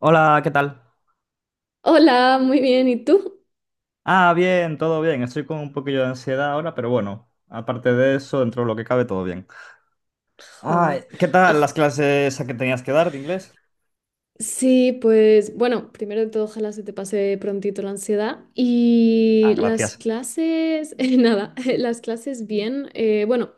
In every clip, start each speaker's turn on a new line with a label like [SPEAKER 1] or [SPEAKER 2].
[SPEAKER 1] Hola, ¿qué tal?
[SPEAKER 2] Hola, muy bien. ¿Y tú?
[SPEAKER 1] Ah, bien, todo bien. Estoy con un poquillo de ansiedad ahora, pero bueno, aparte de eso, dentro de lo que cabe, todo bien. Ah,
[SPEAKER 2] Ojo.
[SPEAKER 1] ¿qué tal las
[SPEAKER 2] Ojo.
[SPEAKER 1] clases a que tenías que dar de inglés?
[SPEAKER 2] Sí, pues bueno, primero de todo, ojalá se te pase prontito la ansiedad.
[SPEAKER 1] Ah,
[SPEAKER 2] Y las
[SPEAKER 1] gracias.
[SPEAKER 2] clases, nada, las clases bien. Bueno,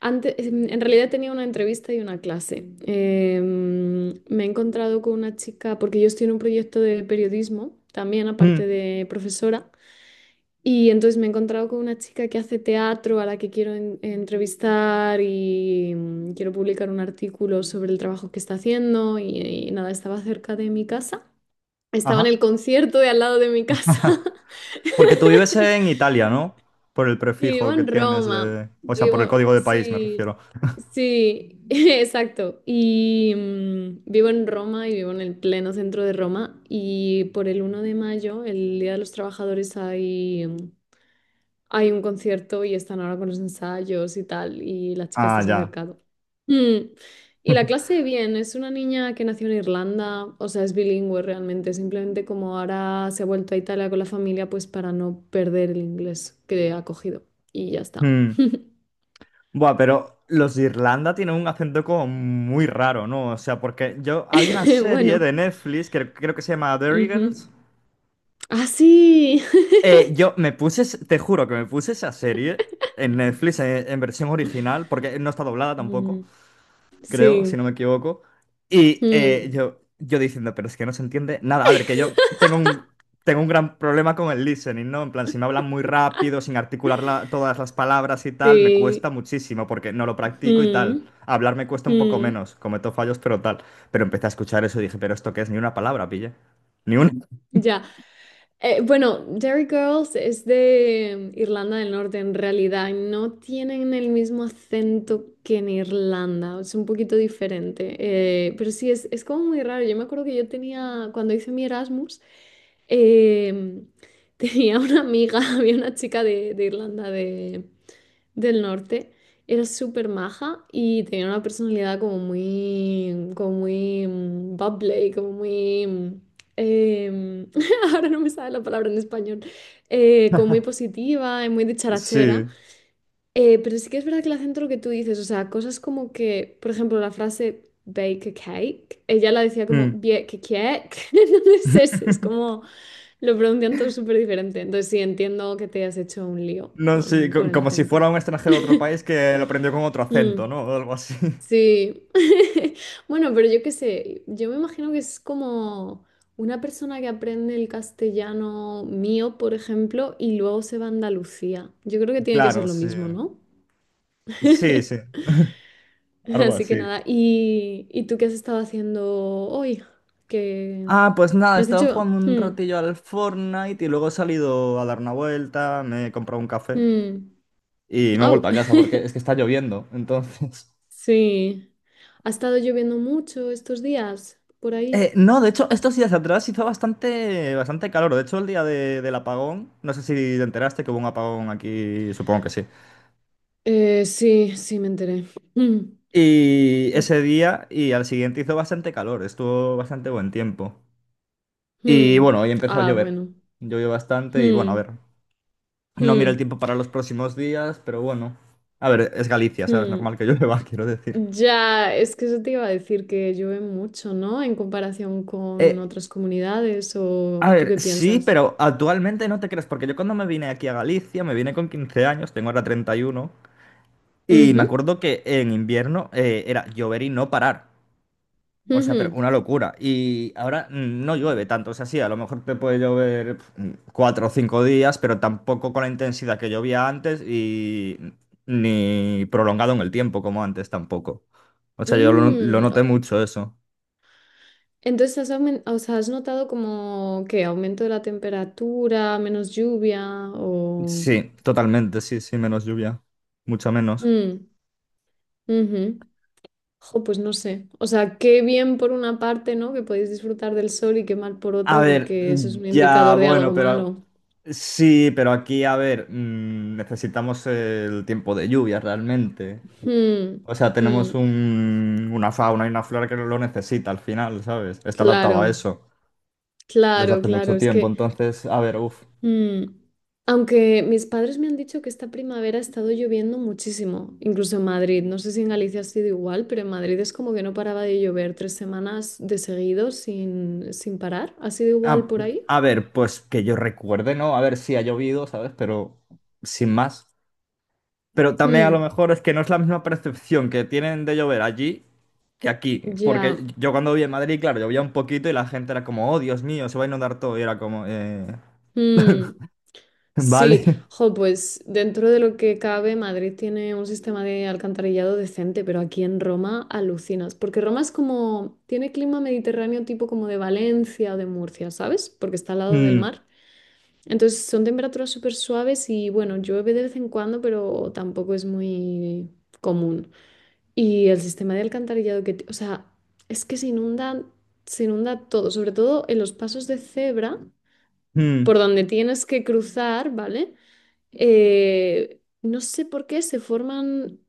[SPEAKER 2] antes, en realidad tenía una entrevista y una clase. Me he encontrado con una chica, porque yo estoy en un proyecto de periodismo, también
[SPEAKER 1] Mm,
[SPEAKER 2] aparte de profesora. Y entonces me he encontrado con una chica que hace teatro a la que quiero entrevistar y quiero publicar un artículo sobre el trabajo que está haciendo y nada, estaba cerca de mi casa. Estaba en
[SPEAKER 1] ajá.
[SPEAKER 2] el concierto de al lado de mi casa.
[SPEAKER 1] Porque tú vives en Italia, ¿no? Por el
[SPEAKER 2] Y vivo
[SPEAKER 1] prefijo que
[SPEAKER 2] en
[SPEAKER 1] tienes
[SPEAKER 2] Roma.
[SPEAKER 1] de... O sea, por el
[SPEAKER 2] Vivo,
[SPEAKER 1] código de país me
[SPEAKER 2] sí,
[SPEAKER 1] refiero.
[SPEAKER 2] sí, exacto. Y vivo en Roma y vivo en el pleno centro de Roma. Y por el 1 de mayo, el Día de los Trabajadores, hay un concierto y están ahora con los ensayos y tal, y la chica
[SPEAKER 1] Ah,
[SPEAKER 2] está se ha
[SPEAKER 1] ya.
[SPEAKER 2] acercado. Mm. Y la clase, bien, es una niña que nació en Irlanda, o sea, es bilingüe realmente, simplemente como ahora se ha vuelto a Italia con la familia, pues para no perder el inglés que ha cogido. Y ya está.
[SPEAKER 1] Mm. Buah, pero los de Irlanda tienen un acento como muy raro, ¿no? O sea, porque yo... Hay una serie
[SPEAKER 2] Bueno.
[SPEAKER 1] de Netflix que creo que se llama Derry
[SPEAKER 2] Ujú.
[SPEAKER 1] Girls.
[SPEAKER 2] Ah, sí.
[SPEAKER 1] Yo me puse, te juro que me puse esa serie en Netflix en versión original, porque no está doblada tampoco,
[SPEAKER 2] Mm.
[SPEAKER 1] creo, si no
[SPEAKER 2] Sí.
[SPEAKER 1] me equivoco. Y eh,
[SPEAKER 2] Mm.
[SPEAKER 1] yo, yo diciendo, pero es que no se entiende nada. A ver, que yo tengo un gran problema con el listening, ¿no? En plan, si me hablan muy rápido, sin articular todas las palabras y tal, me cuesta
[SPEAKER 2] Sí.
[SPEAKER 1] muchísimo porque no lo practico y tal.
[SPEAKER 2] Mm,
[SPEAKER 1] Hablar me cuesta un poco
[SPEAKER 2] mm.
[SPEAKER 1] menos, cometo fallos, pero tal. Pero empecé a escuchar eso y dije, pero esto qué es, ni una palabra, pille. Ni una.
[SPEAKER 2] Ya. Bueno, Derry Girls es de Irlanda del Norte, en realidad no tienen el mismo acento que en Irlanda, es un poquito diferente, pero sí, es como muy raro. Yo me acuerdo que yo tenía, cuando hice mi Erasmus, em, tenía una amiga, había una chica de Irlanda del Norte, era súper maja y tenía una personalidad como muy bubbly, como muy... em, ahora no me sale la palabra en español, como muy positiva y muy dicharachera.
[SPEAKER 1] Sí.
[SPEAKER 2] Pero sí que es verdad que el acento lo que tú dices, o sea, cosas como que, por ejemplo, la frase bake a cake, ella la decía como
[SPEAKER 1] Mm.
[SPEAKER 2] bake cake, entonces es, como lo pronuncian todo súper diferente. Entonces sí, entiendo que te has hecho un lío
[SPEAKER 1] No, sí,
[SPEAKER 2] con el
[SPEAKER 1] como si
[SPEAKER 2] acento.
[SPEAKER 1] fuera un extranjero de otro país que lo aprendió con otro
[SPEAKER 2] Mm.
[SPEAKER 1] acento, ¿no? O algo así.
[SPEAKER 2] Sí. Bueno, pero yo qué sé, yo me imagino que es como una persona que aprende el castellano mío, por ejemplo, y luego se va a Andalucía. Yo creo que tiene que ser
[SPEAKER 1] Claro,
[SPEAKER 2] lo
[SPEAKER 1] sí.
[SPEAKER 2] mismo, ¿no?
[SPEAKER 1] Sí, sí, algo
[SPEAKER 2] Así que
[SPEAKER 1] así.
[SPEAKER 2] nada, ¿y tú qué has estado haciendo hoy? Que
[SPEAKER 1] Ah, pues nada,
[SPEAKER 2] me has
[SPEAKER 1] estaba
[SPEAKER 2] dicho.
[SPEAKER 1] jugando un
[SPEAKER 2] Hmm.
[SPEAKER 1] ratillo al Fortnite y luego he salido a dar una vuelta, me he comprado un café
[SPEAKER 2] Hmm.
[SPEAKER 1] y me he
[SPEAKER 2] Au.
[SPEAKER 1] vuelto a casa porque es que está lloviendo, entonces...
[SPEAKER 2] Sí. ¿Ha estado lloviendo mucho estos días por ahí?
[SPEAKER 1] No, de hecho, estos días atrás hizo bastante, bastante calor. De hecho, el día del apagón, no sé si te enteraste que hubo un apagón aquí, supongo que sí.
[SPEAKER 2] Sí, sí, me enteré. Mm,
[SPEAKER 1] Y
[SPEAKER 2] mm,
[SPEAKER 1] ese día y al siguiente hizo bastante calor, estuvo bastante buen tiempo. Y
[SPEAKER 2] mm.
[SPEAKER 1] bueno, hoy empezó a
[SPEAKER 2] Ah,
[SPEAKER 1] llover.
[SPEAKER 2] bueno.
[SPEAKER 1] Llovió bastante y bueno, a
[SPEAKER 2] Mm.
[SPEAKER 1] ver, no miro el
[SPEAKER 2] Hmm,
[SPEAKER 1] tiempo para los próximos días, pero bueno. A ver, es Galicia, ¿sabes?
[SPEAKER 2] hmm.
[SPEAKER 1] Normal que llueva, quiero decir.
[SPEAKER 2] Ya, es que eso te iba a decir que llueve mucho, ¿no? En comparación con
[SPEAKER 1] Eh,
[SPEAKER 2] otras comunidades, ¿o
[SPEAKER 1] a
[SPEAKER 2] tú
[SPEAKER 1] ver,
[SPEAKER 2] qué
[SPEAKER 1] sí,
[SPEAKER 2] piensas?
[SPEAKER 1] pero actualmente no te crees, porque yo cuando me vine aquí a Galicia, me vine con 15 años, tengo ahora 31, y uno, y
[SPEAKER 2] Ujú,
[SPEAKER 1] me acuerdo que en invierno era llover y no parar. O sea, pero
[SPEAKER 2] ujú.
[SPEAKER 1] una locura. Y ahora no llueve tanto. O sea, sí, a lo mejor te puede llover 4 o 5 días, pero tampoco con la intensidad que llovía antes y ni prolongado en el tiempo como antes tampoco. O sea, yo lo
[SPEAKER 2] Mm.
[SPEAKER 1] noté mucho eso.
[SPEAKER 2] Entonces, has, o sea, ¿has notado como que aumento de la temperatura, menos lluvia o...?
[SPEAKER 1] Sí, totalmente, sí, sí, menos lluvia. Mucha menos.
[SPEAKER 2] Mm, ujú. Jo, pues no sé. O sea, qué bien por una parte, ¿no? Que podéis disfrutar del sol y qué mal por
[SPEAKER 1] A
[SPEAKER 2] otra,
[SPEAKER 1] ver,
[SPEAKER 2] porque eso es un
[SPEAKER 1] ya,
[SPEAKER 2] indicador de
[SPEAKER 1] bueno,
[SPEAKER 2] algo
[SPEAKER 1] pero
[SPEAKER 2] malo.
[SPEAKER 1] sí, pero aquí, a ver, necesitamos el tiempo de lluvia realmente.
[SPEAKER 2] Hmm,
[SPEAKER 1] O sea, tenemos
[SPEAKER 2] hmm.
[SPEAKER 1] una fauna y una flora que lo necesita al final, ¿sabes? Está adaptado a
[SPEAKER 2] Claro.
[SPEAKER 1] eso desde
[SPEAKER 2] Claro,
[SPEAKER 1] hace mucho
[SPEAKER 2] claro, es
[SPEAKER 1] tiempo.
[SPEAKER 2] que
[SPEAKER 1] Entonces, a ver, uff.
[SPEAKER 2] mm, aunque mis padres me han dicho que esta primavera ha estado lloviendo muchísimo, incluso en Madrid, no sé si en Galicia ha sido igual, pero en Madrid es como que no paraba de llover 3 semanas de seguido sin parar, ¿ha sido igual
[SPEAKER 1] A,
[SPEAKER 2] por ahí?
[SPEAKER 1] a ver, pues que yo recuerde, ¿no? A ver si ha llovido, ¿sabes? Pero sin más. Pero también a lo
[SPEAKER 2] Mm.
[SPEAKER 1] mejor es que no es la misma percepción que tienen de llover allí que aquí.
[SPEAKER 2] Ya.
[SPEAKER 1] Porque yo cuando viví en Madrid, claro, llovía un poquito y la gente era como, oh, Dios mío, se va a inundar todo. Y era como,
[SPEAKER 2] Mm.
[SPEAKER 1] vale.
[SPEAKER 2] Sí, jo, pues dentro de lo que cabe, Madrid tiene un sistema de alcantarillado decente, pero aquí en Roma alucinas, porque Roma es como, tiene clima mediterráneo tipo como de Valencia o de Murcia, ¿sabes? Porque está al lado del
[SPEAKER 1] Mm,
[SPEAKER 2] mar. Entonces son temperaturas súper suaves y bueno, llueve de vez en cuando, pero tampoco es muy común. Y el sistema de alcantarillado que, o sea, es que se inunda todo, sobre todo en los pasos de cebra,
[SPEAKER 1] mm.
[SPEAKER 2] por donde tienes que cruzar, ¿vale? No sé por qué se forman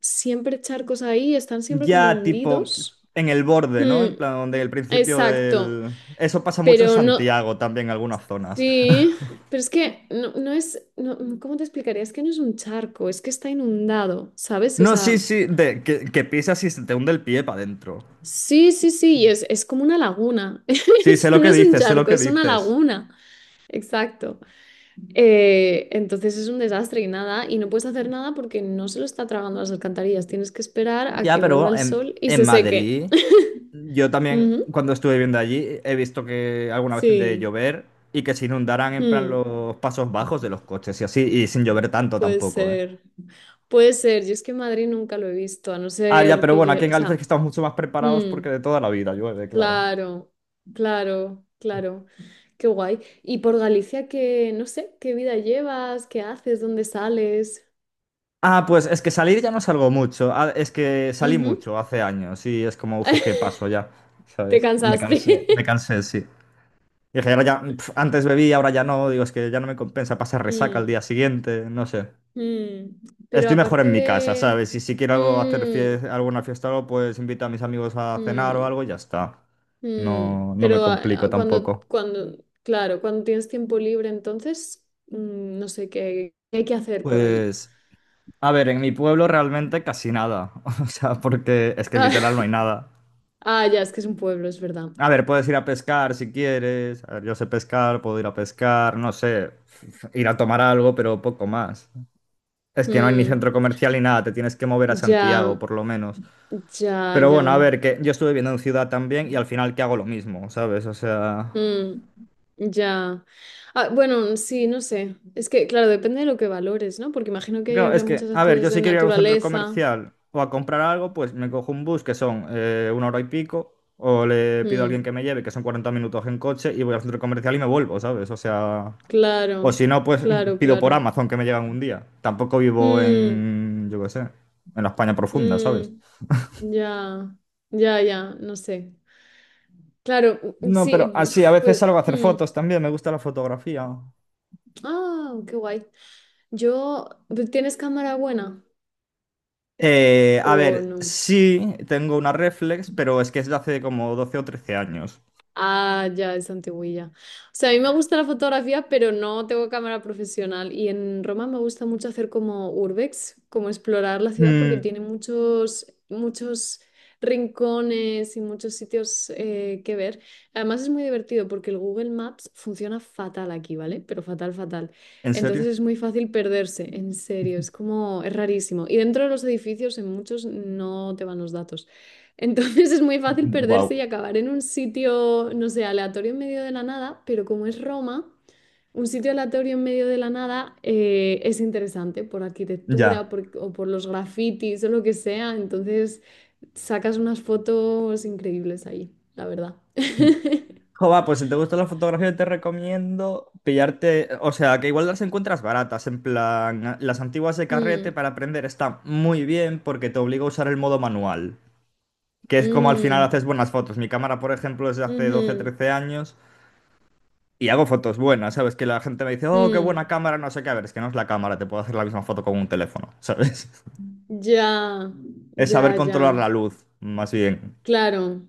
[SPEAKER 2] siempre charcos ahí, están siempre como
[SPEAKER 1] Ya tipo
[SPEAKER 2] hundidos.
[SPEAKER 1] en el borde, ¿no?
[SPEAKER 2] Mm,
[SPEAKER 1] En plan, donde el principio
[SPEAKER 2] exacto,
[SPEAKER 1] del... Eso pasa mucho en
[SPEAKER 2] pero no,
[SPEAKER 1] Santiago también, en algunas zonas.
[SPEAKER 2] sí, pero es que no, no es, no, ¿cómo te explicaría? Es que no es un charco, es que está inundado, ¿sabes? O
[SPEAKER 1] No, sí,
[SPEAKER 2] sea,
[SPEAKER 1] sí, de que pisas y se te hunde el pie para adentro.
[SPEAKER 2] sí, sí, sí, y es como una laguna.
[SPEAKER 1] Sí, sé
[SPEAKER 2] Eso
[SPEAKER 1] lo
[SPEAKER 2] no
[SPEAKER 1] que
[SPEAKER 2] es un
[SPEAKER 1] dices, sé lo
[SPEAKER 2] charco,
[SPEAKER 1] que
[SPEAKER 2] es una
[SPEAKER 1] dices.
[SPEAKER 2] laguna. Exacto. Entonces es un desastre y nada, y no puedes hacer nada porque no se lo está tragando las alcantarillas. Tienes que esperar a
[SPEAKER 1] Ya,
[SPEAKER 2] que vuelva
[SPEAKER 1] pero
[SPEAKER 2] el
[SPEAKER 1] en,
[SPEAKER 2] sol y
[SPEAKER 1] en
[SPEAKER 2] se seque.
[SPEAKER 1] Madrid, yo también
[SPEAKER 2] Ujú.
[SPEAKER 1] cuando estuve viviendo allí he visto que alguna vez de
[SPEAKER 2] Sí,
[SPEAKER 1] llover y que se inundaran en plan
[SPEAKER 2] mm,
[SPEAKER 1] los pasos bajos de los coches y así, y sin llover tanto
[SPEAKER 2] puede
[SPEAKER 1] tampoco, ¿eh?
[SPEAKER 2] ser. Puede ser, yo es que en Madrid nunca lo he visto, a no
[SPEAKER 1] Ah, ya,
[SPEAKER 2] ser
[SPEAKER 1] pero
[SPEAKER 2] que
[SPEAKER 1] bueno, aquí
[SPEAKER 2] yo,
[SPEAKER 1] en
[SPEAKER 2] o
[SPEAKER 1] Galicia es que
[SPEAKER 2] sea,
[SPEAKER 1] estamos mucho más preparados porque
[SPEAKER 2] mm,
[SPEAKER 1] de toda la vida llueve, claro.
[SPEAKER 2] claro, claro, claro, qué guay. Y por Galicia, qué no sé, qué vida llevas, qué haces, dónde sales.
[SPEAKER 1] Ah, pues es que salir ya no salgo mucho. Ah, es que salí
[SPEAKER 2] Ujú.
[SPEAKER 1] mucho hace años y es como, uff, es que paso ya,
[SPEAKER 2] Te
[SPEAKER 1] ¿sabes?
[SPEAKER 2] cansaste.
[SPEAKER 1] Me cansé, sí. Dije, ahora ya, antes bebí, ahora ya no. Digo, es que ya no me compensa pasar resaca al
[SPEAKER 2] Mm.
[SPEAKER 1] día siguiente, no sé.
[SPEAKER 2] Mm, pero
[SPEAKER 1] Estoy mejor
[SPEAKER 2] aparte
[SPEAKER 1] en mi casa,
[SPEAKER 2] de...
[SPEAKER 1] ¿sabes? Y si quiero algo hacer
[SPEAKER 2] Mm,
[SPEAKER 1] alguna fiesta o algo, pues invito a mis amigos a cenar o
[SPEAKER 2] mm,
[SPEAKER 1] algo y ya está.
[SPEAKER 2] mm,
[SPEAKER 1] No, no me
[SPEAKER 2] pero a-
[SPEAKER 1] complico
[SPEAKER 2] a- cuando,
[SPEAKER 1] tampoco.
[SPEAKER 2] cuando, claro, cuando tienes tiempo libre, entonces, no sé qué, qué hay que hacer por ahí.
[SPEAKER 1] Pues, a ver, en mi pueblo realmente casi nada. O sea, porque es que
[SPEAKER 2] Ah,
[SPEAKER 1] literal no hay nada.
[SPEAKER 2] ah, ya, es que es un pueblo, es verdad.
[SPEAKER 1] A ver, puedes ir a pescar si quieres. A ver, yo sé pescar, puedo ir a pescar, no sé, ir a tomar algo, pero poco más. Es que no hay ni
[SPEAKER 2] Mm,
[SPEAKER 1] centro comercial ni nada, te tienes que mover a
[SPEAKER 2] ya,
[SPEAKER 1] Santiago, por lo menos.
[SPEAKER 2] ya,
[SPEAKER 1] Pero bueno, a
[SPEAKER 2] ya.
[SPEAKER 1] ver, que yo estuve viviendo en ciudad también y al final que hago lo mismo, ¿sabes? O sea,
[SPEAKER 2] Mm, ya. Ah, bueno, sí, no sé. Es que, claro, depende de lo que valores, ¿no? Porque imagino que ahí
[SPEAKER 1] claro, es
[SPEAKER 2] habrá
[SPEAKER 1] que,
[SPEAKER 2] muchas
[SPEAKER 1] a ver, yo
[SPEAKER 2] actividades de
[SPEAKER 1] si quiero ir a un centro
[SPEAKER 2] naturaleza.
[SPEAKER 1] comercial o a comprar algo, pues me cojo un bus que son una hora y pico, o le pido a alguien que
[SPEAKER 2] Mm.
[SPEAKER 1] me lleve, que son 40 minutos en coche, y voy al centro comercial y me vuelvo, ¿sabes? O sea, o
[SPEAKER 2] Claro,
[SPEAKER 1] si no, pues
[SPEAKER 2] claro,
[SPEAKER 1] pido por
[SPEAKER 2] claro.
[SPEAKER 1] Amazon que me llegan un día. Tampoco vivo
[SPEAKER 2] Mm,
[SPEAKER 1] en, yo qué sé, en la España profunda, ¿sabes?
[SPEAKER 2] mm, ya, ya, ya, no sé. Claro,
[SPEAKER 1] No, pero
[SPEAKER 2] sí,
[SPEAKER 1] así, a
[SPEAKER 2] uf,
[SPEAKER 1] veces
[SPEAKER 2] pues...
[SPEAKER 1] salgo a hacer
[SPEAKER 2] mm.
[SPEAKER 1] fotos también, me gusta la fotografía.
[SPEAKER 2] Ah, qué guay. Yo, ¿tienes cámara buena
[SPEAKER 1] A
[SPEAKER 2] o
[SPEAKER 1] ver,
[SPEAKER 2] no?
[SPEAKER 1] sí, tengo una reflex, pero es que es de hace como 12 o 13 años.
[SPEAKER 2] Ah, ya, es antiguilla. O sea, a mí me gusta la fotografía, pero no tengo cámara profesional. Y en Roma me gusta mucho hacer como urbex, como explorar la ciudad, porque
[SPEAKER 1] Mm,
[SPEAKER 2] tiene muchos, muchos rincones y muchos sitios que ver. Además es muy divertido porque el Google Maps funciona fatal aquí, ¿vale? Pero fatal, fatal.
[SPEAKER 1] ¿en
[SPEAKER 2] Entonces
[SPEAKER 1] serio?
[SPEAKER 2] es muy fácil perderse, en serio, es como, es rarísimo. Y dentro de los edificios, en muchos no te van los datos. Entonces es muy fácil perderse y
[SPEAKER 1] Wow,
[SPEAKER 2] acabar en un sitio, no sé, aleatorio en medio de la nada, pero como es Roma, un sitio aleatorio en medio de la nada es interesante por arquitectura
[SPEAKER 1] ya.
[SPEAKER 2] o por los grafitis o lo que sea. Entonces sacas unas fotos increíbles ahí, la verdad.
[SPEAKER 1] Jova, pues si te gusta la fotografía, te recomiendo pillarte, o sea, que igual las encuentras baratas, en plan, las antiguas de carrete
[SPEAKER 2] Mm,
[SPEAKER 1] para aprender están muy bien porque te obliga a usar el modo manual, que es como al final
[SPEAKER 2] mm,
[SPEAKER 1] haces buenas fotos. Mi cámara, por ejemplo, es de hace 12,
[SPEAKER 2] ujú,
[SPEAKER 1] 13 años y hago fotos buenas, ¿sabes? Que la gente me dice, oh, qué buena
[SPEAKER 2] mm.
[SPEAKER 1] cámara, no sé qué, a ver, es que no es la cámara, te puedo hacer la misma foto con un teléfono, ¿sabes?
[SPEAKER 2] Ya,
[SPEAKER 1] Es saber
[SPEAKER 2] ya,
[SPEAKER 1] controlar
[SPEAKER 2] ya.
[SPEAKER 1] la luz, más bien.
[SPEAKER 2] Claro,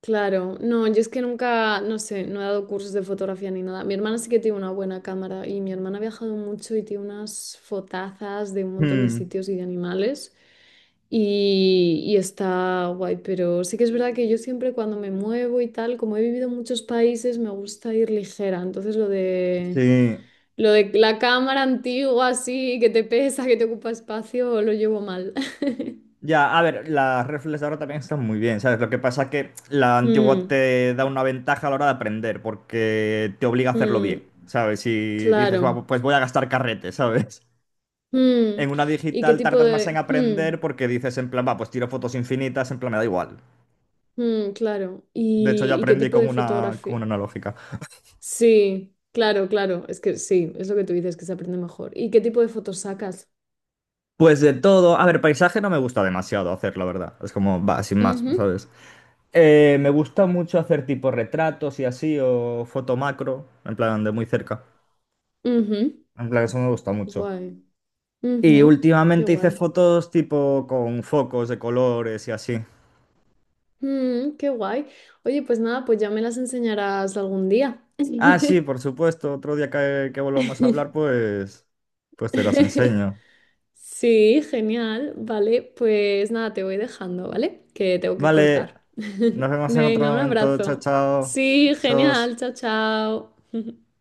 [SPEAKER 2] claro. No, yo es que nunca, no sé, no he dado cursos de fotografía ni nada. Mi hermana sí que tiene una buena cámara y mi hermana ha viajado mucho y tiene unas fotazas de un montón de
[SPEAKER 1] Hmm,
[SPEAKER 2] sitios y de animales y, está guay, pero sí que es verdad que yo siempre cuando me muevo y tal, como he vivido en muchos países, me gusta ir ligera. Entonces lo de,
[SPEAKER 1] sí.
[SPEAKER 2] lo de la cámara antigua así, que te pesa, que te ocupa espacio, lo llevo mal.
[SPEAKER 1] Ya, a ver, las reflex ahora también están muy bien, ¿sabes? Lo que pasa es que la antigua
[SPEAKER 2] Mm,
[SPEAKER 1] te da una ventaja a la hora de aprender, porque te obliga a hacerlo
[SPEAKER 2] mm,
[SPEAKER 1] bien, ¿sabes? Si dices,
[SPEAKER 2] claro.
[SPEAKER 1] va, pues voy a gastar carrete, ¿sabes?
[SPEAKER 2] Mm.
[SPEAKER 1] En una
[SPEAKER 2] ¿Y qué
[SPEAKER 1] digital
[SPEAKER 2] tipo
[SPEAKER 1] tardas más en
[SPEAKER 2] de...? mm,
[SPEAKER 1] aprender porque dices, en plan, va, pues tiro fotos infinitas, en plan, me da igual.
[SPEAKER 2] mm, claro.
[SPEAKER 1] De hecho, yo
[SPEAKER 2] ¿Y qué
[SPEAKER 1] aprendí
[SPEAKER 2] tipo
[SPEAKER 1] con
[SPEAKER 2] de
[SPEAKER 1] una, con
[SPEAKER 2] fotografía?
[SPEAKER 1] una analógica.
[SPEAKER 2] Sí, claro, claro. Es que sí, es lo que tú dices, que se aprende mejor. ¿Y qué tipo de fotos sacas?
[SPEAKER 1] Pues de todo, a ver, paisaje no me gusta demasiado hacer, la verdad. Es como, va, sin más,
[SPEAKER 2] Ujú,
[SPEAKER 1] ¿sabes? Me gusta mucho hacer tipo retratos y así, o foto macro, en plan, de muy cerca.
[SPEAKER 2] ujú.
[SPEAKER 1] En plan, eso me gusta mucho.
[SPEAKER 2] Guay.
[SPEAKER 1] Y
[SPEAKER 2] Ujú. Qué
[SPEAKER 1] últimamente hice
[SPEAKER 2] guay.
[SPEAKER 1] fotos tipo con focos de colores y así.
[SPEAKER 2] Mm, qué guay. Oye, pues nada, pues ya me las enseñarás algún día.
[SPEAKER 1] Ah, sí, por supuesto. Otro día que volvamos a hablar, pues te las enseño.
[SPEAKER 2] Sí, genial. Vale, pues nada, te voy dejando, ¿vale? Que tengo que
[SPEAKER 1] Vale,
[SPEAKER 2] cortar.
[SPEAKER 1] nos vemos en otro
[SPEAKER 2] Venga, un
[SPEAKER 1] momento. Chao,
[SPEAKER 2] abrazo.
[SPEAKER 1] chao.
[SPEAKER 2] Sí,
[SPEAKER 1] Besos.
[SPEAKER 2] genial. Chao, chao.